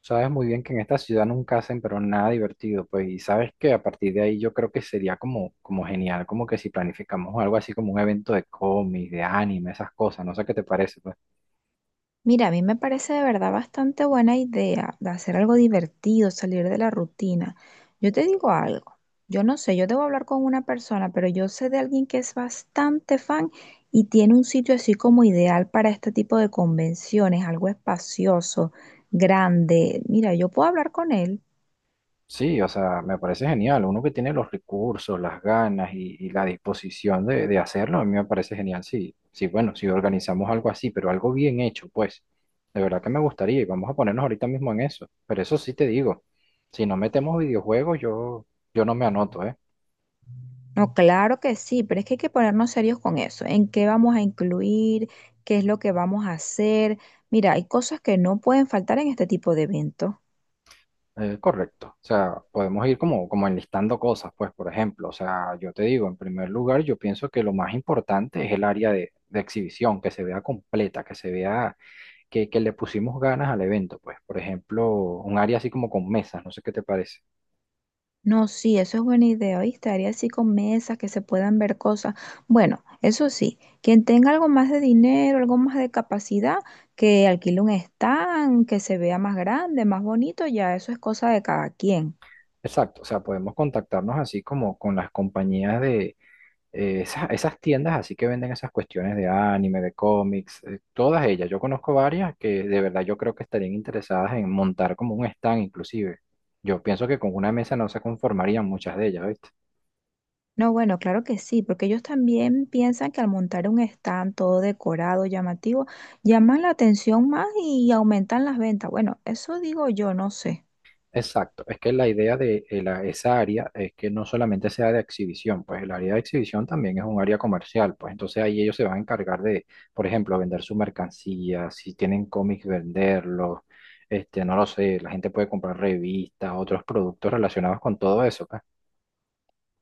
Sabes muy bien que en esta ciudad nunca hacen pero nada divertido, pues, y sabes que a partir de ahí yo creo que sería como, como genial, como que si planificamos algo así como un evento de cómics, de anime, esas cosas, no sé qué te parece, pues. Mira, a mí me parece de verdad bastante buena idea de hacer algo divertido, salir de la rutina. Yo te digo algo, yo no sé, yo debo hablar con una persona, pero yo sé de alguien que es bastante fan y tiene un sitio así como ideal para este tipo de convenciones, algo espacioso, grande. Mira, yo puedo hablar con él. Sí, o sea, me parece genial, uno que tiene los recursos, las ganas y la disposición de hacerlo, a mí me parece genial, sí, sí, bueno, si organizamos algo así, pero algo bien hecho, pues, de verdad que me gustaría y vamos a ponernos ahorita mismo en eso, pero eso sí te digo, si no metemos videojuegos, yo no me anoto, ¿eh? No, claro que sí, pero es que hay que ponernos serios con eso. ¿En qué vamos a incluir? ¿Qué es lo que vamos a hacer? Mira, hay cosas que no pueden faltar en este tipo de eventos. Correcto. O sea, podemos ir como, como enlistando cosas, pues, por ejemplo, o sea, yo te digo, en primer lugar, yo pienso que lo más importante es el área de exhibición, que se vea completa, que se vea que le pusimos ganas al evento, pues, por ejemplo, un área así como con mesas, no sé qué te parece. No, sí, eso es buena idea, ¿oíste? Haría así con mesas que se puedan ver cosas. Bueno, eso sí, quien tenga algo más de dinero, algo más de capacidad, que alquile un stand, que se vea más grande, más bonito, ya eso es cosa de cada quien. Exacto, o sea, podemos contactarnos así como con las compañías de esas tiendas así que venden esas cuestiones de anime, de cómics, todas ellas. Yo conozco varias que de verdad yo creo que estarían interesadas en montar como un stand inclusive. Yo pienso que con una mesa no se conformarían muchas de ellas, ¿viste? No, bueno, claro que sí, porque ellos también piensan que al montar un stand todo decorado, llamativo, llaman la atención más y aumentan las ventas. Bueno, eso digo yo, no sé. Exacto, es que la idea de esa área es que no solamente sea de exhibición, pues el área de exhibición también es un área comercial, pues entonces ahí ellos se van a encargar de, por ejemplo, vender su mercancía, si tienen cómics, venderlos, este, no lo sé, la gente puede comprar revistas, otros productos relacionados con todo eso, pues.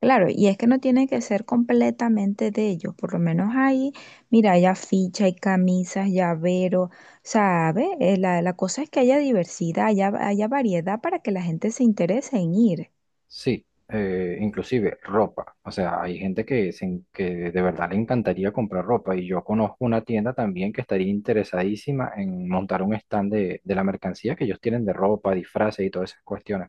Claro, y es que no tiene que ser completamente de ellos, por lo menos ahí, mira, hay afiches, hay camisas, llaveros, ¿sabe? La cosa es que haya diversidad, haya, haya variedad para que la gente se interese en ir. Sí, inclusive ropa. O sea, hay gente que, que de verdad le encantaría comprar ropa y yo conozco una tienda también que estaría interesadísima en montar un stand de la mercancía que ellos tienen de ropa, disfraces y todas esas cuestiones.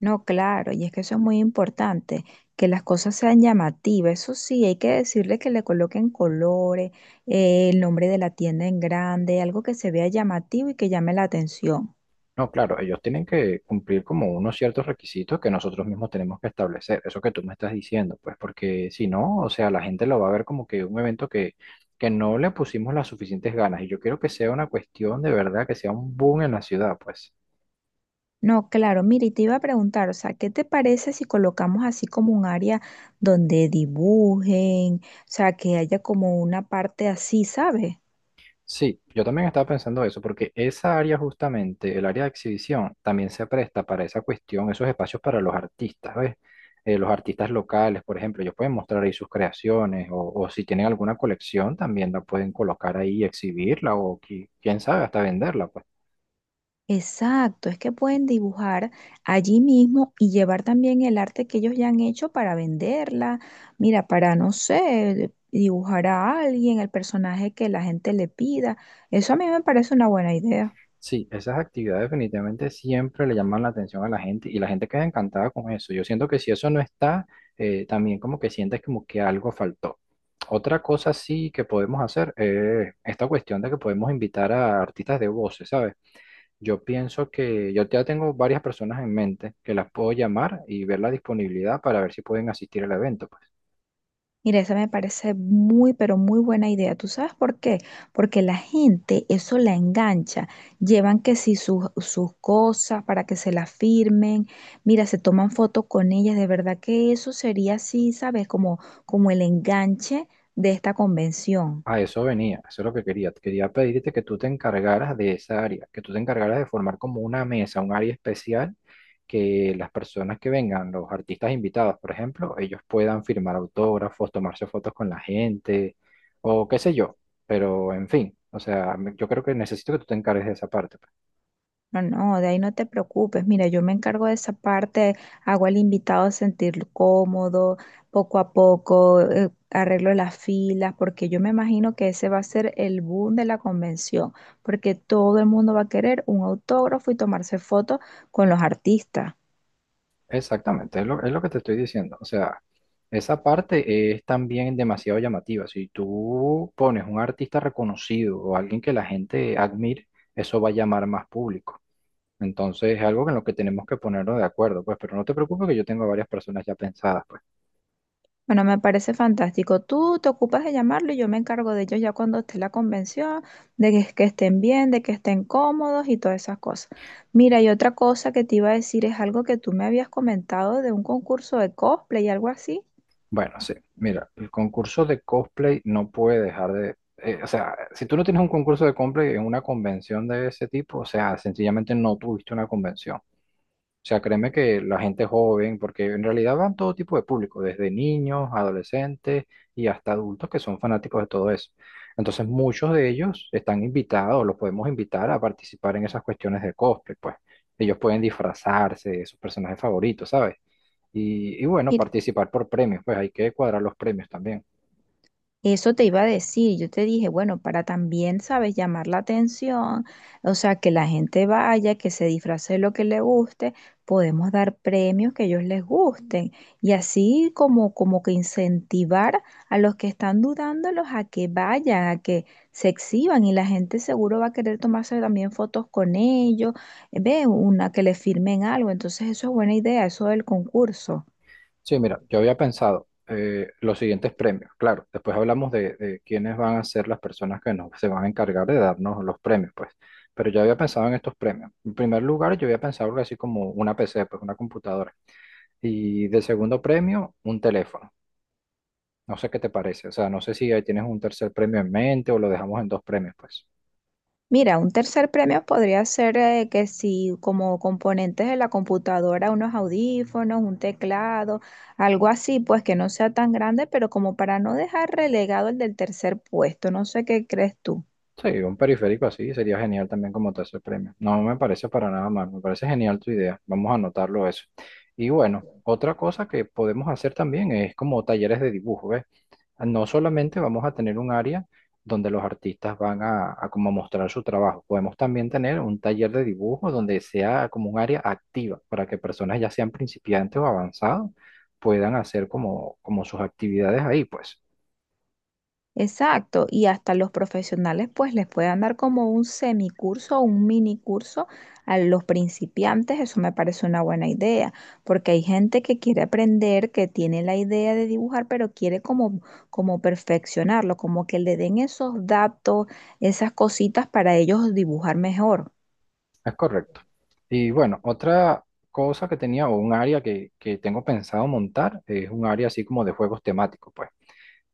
No, claro, y es que eso es muy importante, que las cosas sean llamativas, eso sí, hay que decirle que le coloquen colores, el nombre de la tienda en grande, algo que se vea llamativo y que llame la atención. No, claro, ellos tienen que cumplir como unos ciertos requisitos que nosotros mismos tenemos que establecer. Eso que tú me estás diciendo, pues porque si no, o sea, la gente lo va a ver como que un evento que no le pusimos las suficientes ganas y yo quiero que sea una cuestión de verdad, que sea un boom en la ciudad, pues. No, claro, mira, y te iba a preguntar, o sea, ¿qué te parece si colocamos así como un área donde dibujen, o sea, que haya como una parte así, ¿sabes? Sí, yo también estaba pensando eso, porque esa área justamente, el área de exhibición, también se presta para esa cuestión, esos espacios para los artistas, ¿ves? Los artistas locales, por ejemplo, ellos pueden mostrar ahí sus creaciones o si tienen alguna colección, también la pueden colocar ahí, exhibirla o quién sabe, hasta venderla, pues. Exacto, es que pueden dibujar allí mismo y llevar también el arte que ellos ya han hecho para venderla, mira, para, no sé, dibujar a alguien, el personaje que la gente le pida. Eso a mí me parece una buena idea. Sí, esas actividades definitivamente siempre le llaman la atención a la gente y la gente queda encantada con eso. Yo siento que si eso no está, también como que sientes como que algo faltó. Otra cosa sí que podemos hacer es esta cuestión de que podemos invitar a artistas de voces, ¿sabes? Yo pienso que yo ya tengo varias personas en mente que las puedo llamar y ver la disponibilidad para ver si pueden asistir al evento, pues. Mira, esa me parece muy, pero muy buena idea. ¿Tú sabes por qué? Porque la gente eso la engancha. Llevan que si sus cosas para que se las firmen. Mira, se toman fotos con ellas. De verdad que eso sería así, ¿sabes? Como, como el enganche de esta convención. A eso venía, eso es lo que quería. Quería pedirte que tú te encargaras de esa área, que tú te encargaras de formar como una mesa, un área especial que las personas que vengan, los artistas invitados, por ejemplo, ellos puedan firmar autógrafos, tomarse fotos con la gente o qué sé yo. Pero en fin, o sea, yo creo que necesito que tú te encargues de esa parte. No, no, de ahí no te preocupes. Mira, yo me encargo de esa parte, hago al invitado sentirlo cómodo, poco a poco, arreglo las filas, porque yo me imagino que ese va a ser el boom de la convención, porque todo el mundo va a querer un autógrafo y tomarse fotos con los artistas. Exactamente, es lo que te estoy diciendo. O sea, esa parte es también demasiado llamativa. Si tú pones un artista reconocido o alguien que la gente admire, eso va a llamar más público. Entonces es algo en lo que tenemos que ponernos de acuerdo, pues, pero no te preocupes que yo tengo a varias personas ya pensadas, pues. Bueno, me parece fantástico. Tú te ocupas de llamarlo y yo me encargo de ellos ya cuando esté la convención, de que estén bien, de que estén cómodos y todas esas cosas. Mira, y otra cosa. Bueno, sí, mira, el concurso de cosplay no puede dejar de… o sea, si tú no tienes un concurso de cosplay en una convención de ese tipo, o sea, sencillamente no tuviste una convención. O sea, créeme que la gente joven, porque en realidad van todo tipo de público, desde niños, adolescentes y hasta adultos que son fanáticos de todo eso. Entonces, muchos de ellos están invitados, los podemos invitar a participar en esas cuestiones de cosplay, pues. Ellos pueden disfrazarse de sus personajes favoritos, ¿sabes? Y bueno, participar por premios, pues hay que cuadrar los premios también. Eso te iba a decir, yo te dije, bueno, para también, ¿sabes?, llamar la atención, o sea, que la gente vaya, que se disfrace de lo que le guste, podemos dar premios que a ellos les gusten y así como, como que incentivar a los que están dudándolos a que vayan, a que se exhiban y la gente seguro va a querer tomarse también fotos con ellos, ve, una que le firmen algo, entonces eso es buena idea, eso del concurso. Sí, mira, yo había pensado los siguientes premios. Claro, después hablamos de quiénes van a ser las personas que nos, se van a encargar de darnos los premios, pues. Pero yo había pensado en estos premios. En primer lugar, yo había pensado algo así como una PC, pues una computadora. Y de segundo premio, un teléfono. No sé qué te parece. O sea, no sé si ahí tienes un tercer premio en mente o lo dejamos en dos premios, pues. Mira, un tercer premio podría ser que si como componentes de la computadora, unos audífonos, un teclado, algo así, pues que no sea tan grande, pero como para no dejar relegado el del tercer puesto, no sé qué crees tú. Sí, un periférico así sería genial también como tercer premio. No me parece para nada mal, me parece genial tu idea. Vamos a anotarlo eso. Y bueno, otra cosa que podemos hacer también es como talleres de dibujo, ¿ves? No solamente vamos a tener un área donde los artistas van a como mostrar su trabajo, podemos también tener un taller de dibujo donde sea como un área activa para que personas ya sean principiantes o avanzados puedan hacer como, como sus actividades ahí, pues. Exacto, y hasta los profesionales pues les puedan dar como un semicurso o un minicurso a los principiantes, eso me parece una buena idea, porque hay gente que quiere aprender, que tiene la idea de dibujar, pero quiere como, como perfeccionarlo, como que le den esos datos, esas cositas para ellos dibujar mejor. Es correcto. Y bueno, otra cosa que tenía o un área que tengo pensado montar es un área así como de juegos temáticos, pues,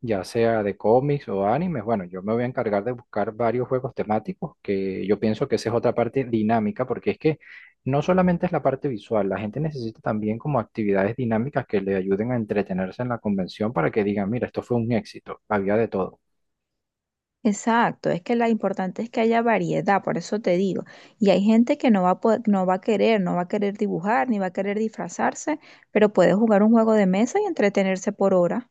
ya sea de cómics o animes. Bueno, yo me voy a encargar de buscar varios juegos temáticos, que yo pienso que esa es otra parte dinámica, porque es que no solamente es la parte visual, la gente necesita también como actividades dinámicas que le ayuden a entretenerse en la convención para que digan, mira, esto fue un éxito, había de todo. Exacto, es que lo importante es que haya variedad, por eso te digo. Y hay gente que no va a querer, no va a querer dibujar, ni va a querer disfrazarse, pero puede jugar un juego de mesa y entretenerse por hora.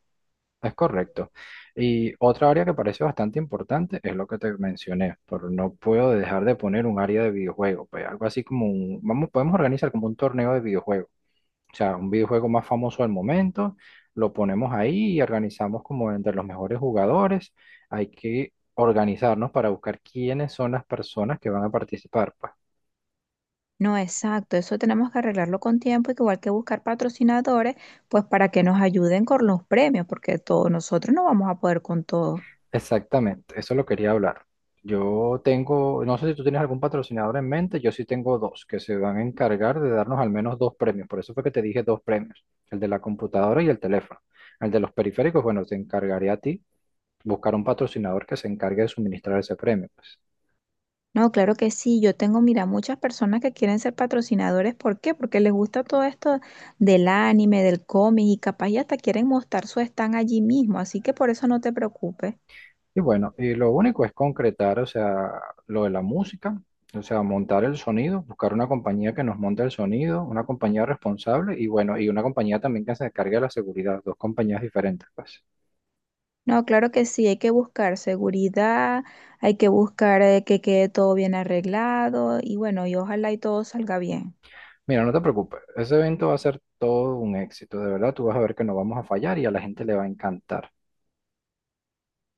Es correcto. Y otra área que parece bastante importante es lo que te mencioné, pero no puedo dejar de poner un área de videojuego, pues algo así como un, vamos, podemos organizar como un torneo de videojuegos, o sea, un videojuego más famoso al momento, lo ponemos ahí y organizamos como entre los mejores jugadores, hay que organizarnos para buscar quiénes son las personas que van a participar, pues. No, exacto, eso tenemos que arreglarlo con tiempo, y que igual que buscar patrocinadores, pues para que nos ayuden con los premios, porque todos nosotros no vamos a poder con todo. Exactamente, eso lo quería hablar. Yo tengo, no sé si tú tienes algún patrocinador en mente, yo sí tengo dos que se van a encargar de darnos al menos dos premios, por eso fue que te dije dos premios, el de la computadora y el teléfono. El de los periféricos, bueno, te encargaré a ti buscar un patrocinador que se encargue de suministrar ese premio, pues. No, claro que sí. Yo tengo, mira, muchas personas que quieren ser patrocinadores. ¿Por qué? Porque les gusta todo esto del anime, del cómic y capaz y hasta quieren mostrar su stand allí mismo. Así que por eso no te preocupes. Y bueno, y lo único es concretar, o sea, lo de la música, o sea, montar el sonido, buscar una compañía que nos monte el sonido, una compañía responsable y bueno, y una compañía también que se encargue de la seguridad, dos compañías diferentes, pues. No, claro que sí. Hay que buscar seguridad, hay que buscar que quede todo bien arreglado y bueno, y ojalá y todo salga bien. Mira, no te preocupes, ese evento va a ser todo un éxito, de verdad, tú vas a ver que no vamos a fallar y a la gente le va a encantar.